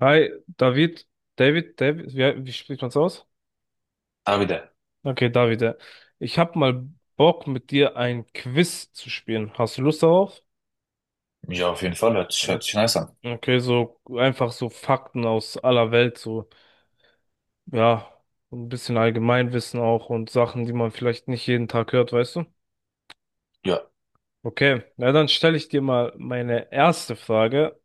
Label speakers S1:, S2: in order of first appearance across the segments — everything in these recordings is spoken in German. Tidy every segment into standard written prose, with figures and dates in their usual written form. S1: Hi, David, wie spricht man's aus?
S2: Ah, wieder.
S1: Okay, David, ja. Ich hab mal Bock, mit dir ein Quiz zu spielen. Hast du Lust darauf?
S2: Ja, auf jeden Fall.
S1: Ja.
S2: Hört sich nice an.
S1: Okay, so einfach so Fakten aus aller Welt, so, ja, so ein bisschen Allgemeinwissen auch und Sachen, die man vielleicht nicht jeden Tag hört, weißt du?
S2: Ja,
S1: Okay, na dann stelle ich dir mal meine erste Frage,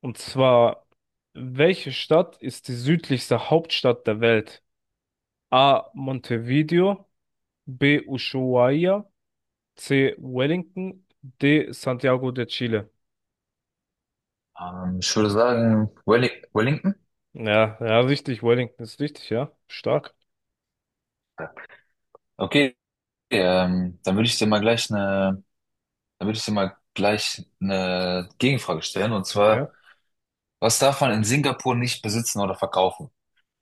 S1: und zwar, welche Stadt ist die südlichste Hauptstadt der Welt? A. Montevideo, B. Ushuaia, C. Wellington. D. Santiago de Chile.
S2: Ich würde sagen, Wellington.
S1: Ja, ja, richtig. Wellington ist richtig, ja. Stark.
S2: Okay, ähm, dann würde ich dir mal gleich eine, dann würde ich dir mal gleich eine Gegenfrage stellen. Und
S1: Okay.
S2: zwar, was darf man in Singapur nicht besitzen oder verkaufen?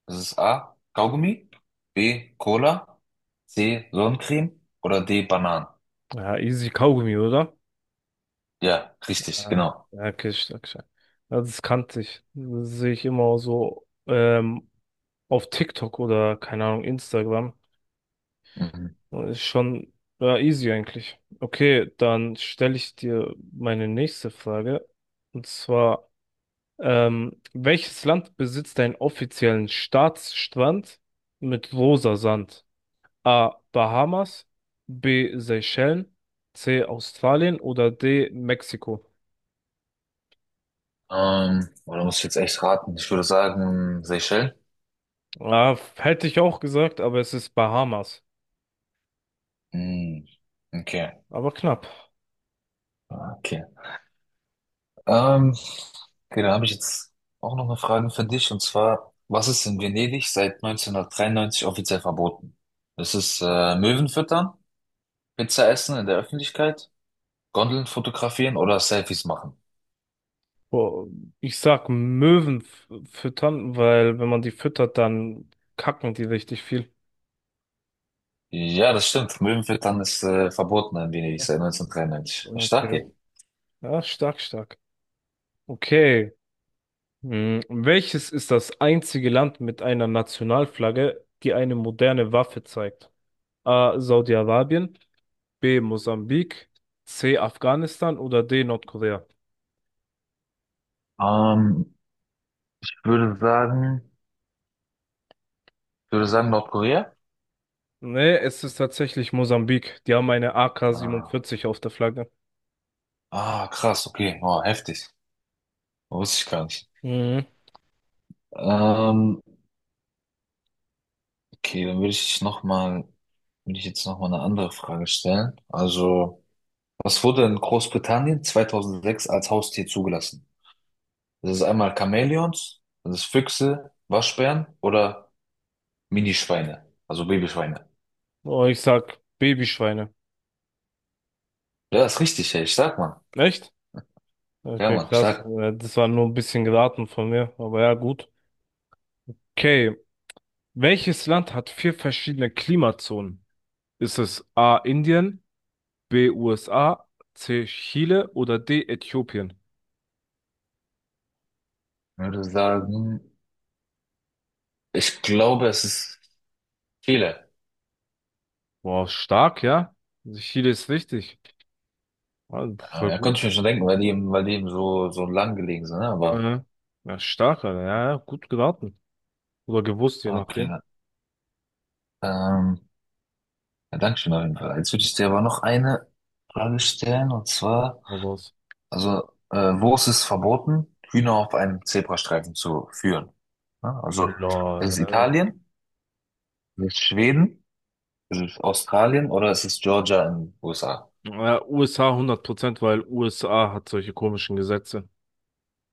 S2: Das ist A, Kaugummi, B, Cola, C, Sonnencreme oder D, Bananen.
S1: Ja, easy Kaugummi, oder?
S2: Ja, richtig,
S1: Ja,
S2: genau.
S1: ja, okay, stark, stark. Ja, das kannte ich. Das sehe ich immer so auf TikTok oder, keine Ahnung, Instagram.
S2: Mhm.
S1: Ist schon ja, easy eigentlich. Okay, dann stelle ich dir meine nächste Frage. Und zwar. Welches Land besitzt einen offiziellen Staatsstrand mit rosa Sand? A. Bahamas, B. Seychellen, C. Australien oder D. Mexiko?
S2: Oder muss ich jetzt echt raten? Ich würde sagen, Seychellen.
S1: Ah, hätte ich auch gesagt, aber es ist Bahamas.
S2: Mhm. Okay,
S1: Aber knapp.
S2: okay. Ähm, okay, dann habe ich jetzt auch noch eine Frage für dich, und zwar, was ist in Venedig seit 1993 offiziell verboten? Ist es Möwen füttern, Pizza essen in der Öffentlichkeit, Gondeln fotografieren oder Selfies machen?
S1: Boah, ich sag Möwen füttern, weil wenn man die füttert, dann kacken die richtig viel.
S2: Ja, das stimmt. Möwen füttern ist verboten in Venedig seit 1993. Stark,
S1: Okay.
S2: ey.
S1: Ja, stark, stark. Okay. Hm, welches ist das einzige Land mit einer Nationalflagge, die eine moderne Waffe zeigt? A. Saudi-Arabien, B. Mosambik, C. Afghanistan oder D. Nordkorea?
S2: Ähm, ich würde sagen, Ich würde sagen Nordkorea.
S1: Nee, es ist tatsächlich Mosambik. Die haben eine
S2: Ah,
S1: AK-47 auf der Flagge.
S2: ah, krass, okay, oh, heftig. Wusste ich gar nicht.
S1: Mhm.
S2: Ähm, okay, dann würde ich jetzt noch mal eine andere Frage stellen. Also, was wurde in Großbritannien 2006 als Haustier zugelassen? Das ist einmal Chamäleons, das ist Füchse, Waschbären oder Minischweine, also Babyschweine.
S1: Oh, ich sag Babyschweine.
S2: Ja, ist richtig, ey. Ich sag mal.
S1: Echt?
S2: Ja,
S1: Okay,
S2: Mann,
S1: krass.
S2: stark.
S1: Das war nur ein bisschen geraten von mir, aber ja, gut. Okay, welches Land hat vier verschiedene Klimazonen? Ist es A. Indien? B. USA, C. Chile oder D. Äthiopien?
S2: Ich würde sagen, Ich glaube, es ist Chile.
S1: Boah, stark, ja. Also Chile ist richtig. Also, voll
S2: Ja, konnte ich mir
S1: gut.
S2: schon denken, weil weil die eben so, so lang gelegen sind, ne? Aber,
S1: Äh, ja, stark, Alter. Ja, ja, gut geraten. Oder gewusst, je
S2: ah, okay.
S1: nachdem.
S2: Ähm, ja, danke schön auf jeden Fall. Jetzt würde ich dir aber noch eine Frage stellen, und zwar,
S1: Aber was?
S2: also, wo ist es verboten, Hühner auf einem Zebrastreifen zu führen? Ja, also, ist es
S1: Lol.
S2: Italien, ist es Schweden, ist es Australien oder ist es Georgia in den USA?
S1: Ja, USA Prozent, weil USA hat solche komischen Gesetze.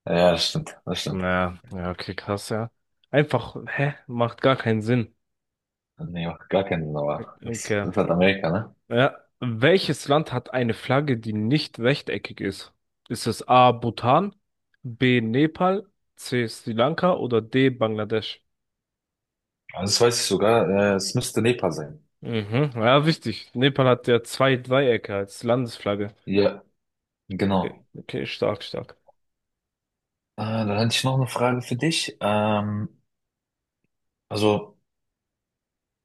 S2: Ja, das stimmt, das stimmt.
S1: Naja, ja, okay, krass, ja. Einfach, hä? Macht gar keinen Sinn.
S2: Nee, macht gar keinen Sinn, aber das
S1: Okay.
S2: ist halt Amerika, ne?
S1: Ja. Welches Land hat eine Flagge, die nicht rechteckig ist? Ist es A. Bhutan, B. Nepal, C. Sri Lanka oder D. Bangladesch?
S2: Also, das weiß ich sogar, es müsste Nepal sein.
S1: Mhm. Ja, wichtig. Nepal hat ja zwei Dreiecke als Landesflagge.
S2: Ja,
S1: Okay,
S2: genau.
S1: okay, stark, stark.
S2: Dann hätte ich noch eine Frage für dich. Also,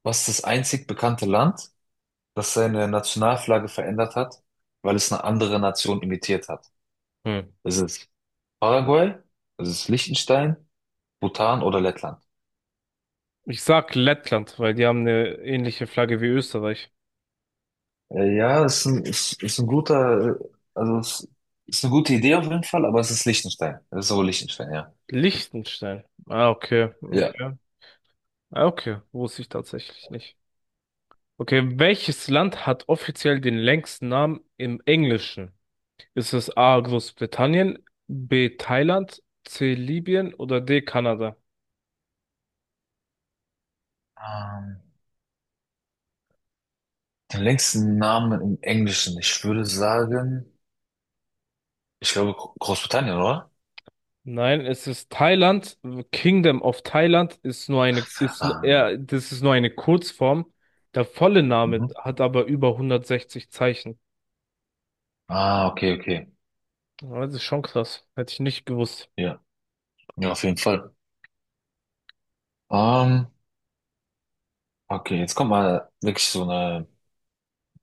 S2: was ist das einzig bekannte Land, das seine Nationalflagge verändert hat, weil es eine andere Nation imitiert hat?
S1: Hm.
S2: Ist es Paraguay? Ist es Liechtenstein? Bhutan oder Lettland?
S1: Ich sag Lettland, weil die haben eine ähnliche Flagge wie Österreich.
S2: Ist ein guter, also es ist eine gute Idee auf jeden Fall, aber es ist Liechtenstein. Es ist aber Liechtenstein, ja.
S1: Liechtenstein. Ah, okay,
S2: Ja.
S1: okay. Ah, okay, wusste ich tatsächlich nicht. Okay, welches Land hat offiziell den längsten Namen im Englischen? Ist es A. Großbritannien, B. Thailand, C. Libyen oder D. Kanada?
S2: Ähm, Den längsten Namen im Englischen, ich würde sagen, ich glaube Großbritannien, oder?
S1: Nein, es ist Thailand. Kingdom of Thailand ist nur eine,
S2: Ah,
S1: eher, das ist nur eine Kurzform. Der volle Name
S2: mhm.
S1: hat aber über 160 Zeichen.
S2: Ah, okay, okay.
S1: Ja, das ist schon krass. Hätte ich nicht gewusst.
S2: Ja, ja, auf jeden Fall. Ähm, okay, jetzt kommt mal wirklich so eine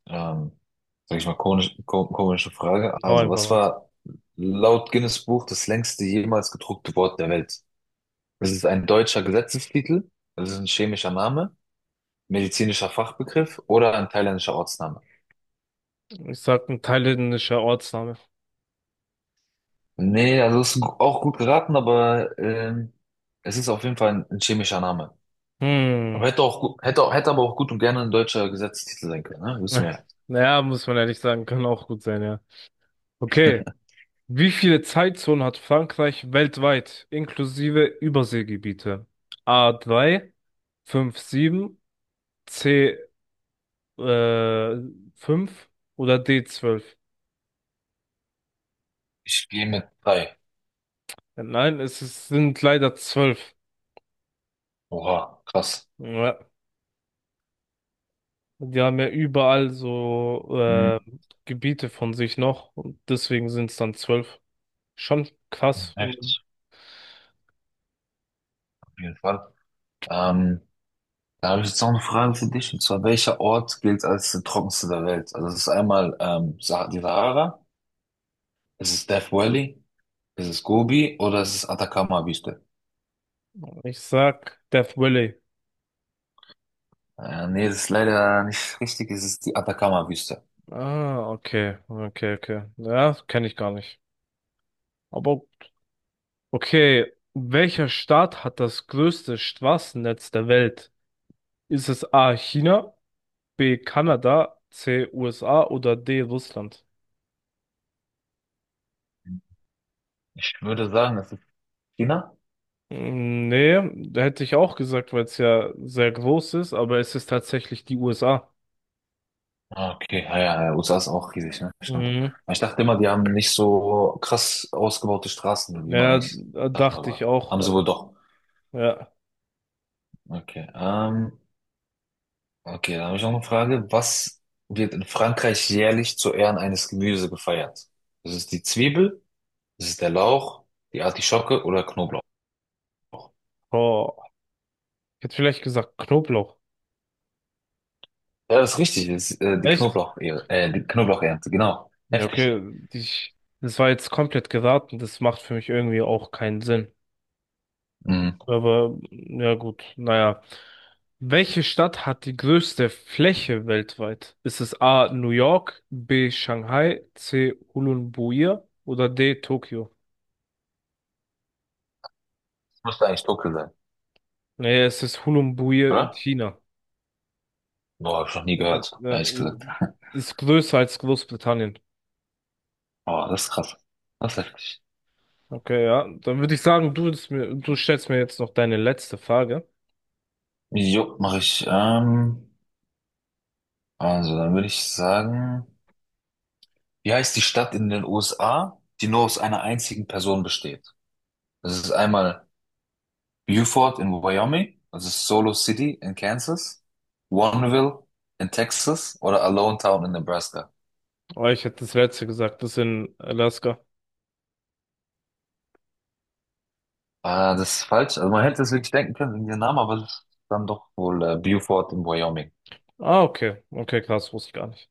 S2: Ähm, sag ich mal, komische Frage.
S1: Hau
S2: Also,
S1: einfach
S2: was
S1: was.
S2: war laut Guinness Buch das längste jemals gedruckte Wort der Welt? Es ist ein deutscher Gesetzestitel? Also, es ist ein chemischer Name? Medizinischer Fachbegriff oder ein thailändischer Ortsname?
S1: Ich sag ein thailändischer Ortsname.
S2: Nee, auch gut geraten, aber es ist auf jeden Fall ein chemischer Name. Aber
S1: Hm.
S2: hätte auch, gu- hätte, auch- hätte aber auch gut und gerne ein deutscher Gesetzestitel sein können, ne? Wissen wir ja.
S1: Naja, muss man ehrlich sagen, kann auch gut sein, ja. Okay. Wie viele Zeitzonen hat Frankreich weltweit, inklusive Überseegebiete? A3, 5, 7, C, äh, 5 oder d 12?
S2: Ich gehe mit 3.
S1: Nein, es ist, sind leider zwölf.
S2: Oha, krass.
S1: Ja. Die haben ja überall so
S2: Hm,
S1: Gebiete von sich noch und deswegen sind es dann 12. Schon krass. Und
S2: heftig, auf jeden Fall. Ähm, Da habe ich jetzt noch eine Frage für dich, und zwar, welcher Ort gilt als der trockenste der Welt? Also es ist einmal die Sahara, es ist Death Valley, es ist Gobi oder es ist Atacama-Wüste?
S1: ich sag Death Valley.
S2: Nee, das ist leider nicht richtig, es ist die Atacama-Wüste.
S1: Ah, okay, okay, okay. Ja, kenne ich gar nicht. Aber okay, welcher Staat hat das größte Straßennetz der Welt? Ist es A China, B Kanada, C USA oder D Russland?
S2: Ich würde sagen, es ist China.
S1: Mm, nee, da hätte ich auch gesagt, weil es ja sehr groß ist, aber es ist tatsächlich die USA.
S2: Ah, okay, ja, ja, ja, USA ist auch riesig, ne? Stimmt.
S1: Mhm.
S2: Aber ich dachte immer, die haben nicht so krass ausgebaute Straßen, wie man
S1: Ja,
S2: eigentlich
S1: da
S2: dachte,
S1: dachte ich
S2: aber
S1: auch.
S2: haben sie wohl doch.
S1: Ja.
S2: Okay, okay, dann habe ich noch eine Frage. Was wird in Frankreich jährlich zu Ehren eines Gemüses gefeiert? Das ist die Zwiebel, das ist der Lauch, die Artischocke oder Knoblauch.
S1: Oh, ich hätte vielleicht gesagt Knoblauch.
S2: Ja, das ist richtig, das ist,
S1: Echt?
S2: Die Knoblauchernte, genau.
S1: Ja,
S2: Heftig.
S1: okay, das war jetzt komplett geraten. Das macht für mich irgendwie auch keinen Sinn.
S2: Mhm.
S1: Aber ja gut, naja. Welche Stadt hat die größte Fläche weltweit? Ist es A. New York, B. Shanghai, C. Ulaanbaatar oder D. Tokio?
S2: Das müsste eigentlich dunkel sein,
S1: Naja, es ist Ulaanbaatar in
S2: oder?
S1: China.
S2: Boah, habe ich noch nie
S1: Äh,
S2: gehört,
S1: ja,
S2: ehrlich
S1: äh,
S2: gesagt.
S1: Ist größer als Großbritannien.
S2: Boah, das ist krass. Das ist heftig.
S1: Okay, ja. Dann würde ich sagen, du stellst mir jetzt noch deine letzte Frage.
S2: Jo, mache ich. Also, dann würde ich sagen, wie heißt die Stadt in den USA, die nur aus einer einzigen Person besteht? Das ist einmal Beaufort in Wyoming, also Solo City in Kansas, Warrenville in Texas oder Alonetown in Nebraska.
S1: Oh, ich hätte das letzte gesagt, das in Alaska.
S2: Ah, das ist falsch. Also man hätte es wirklich denken können wegen dem Namen, aber es ist dann doch wohl Beaufort in Wyoming.
S1: Ah, okay. Okay, krass, wusste ich gar nicht.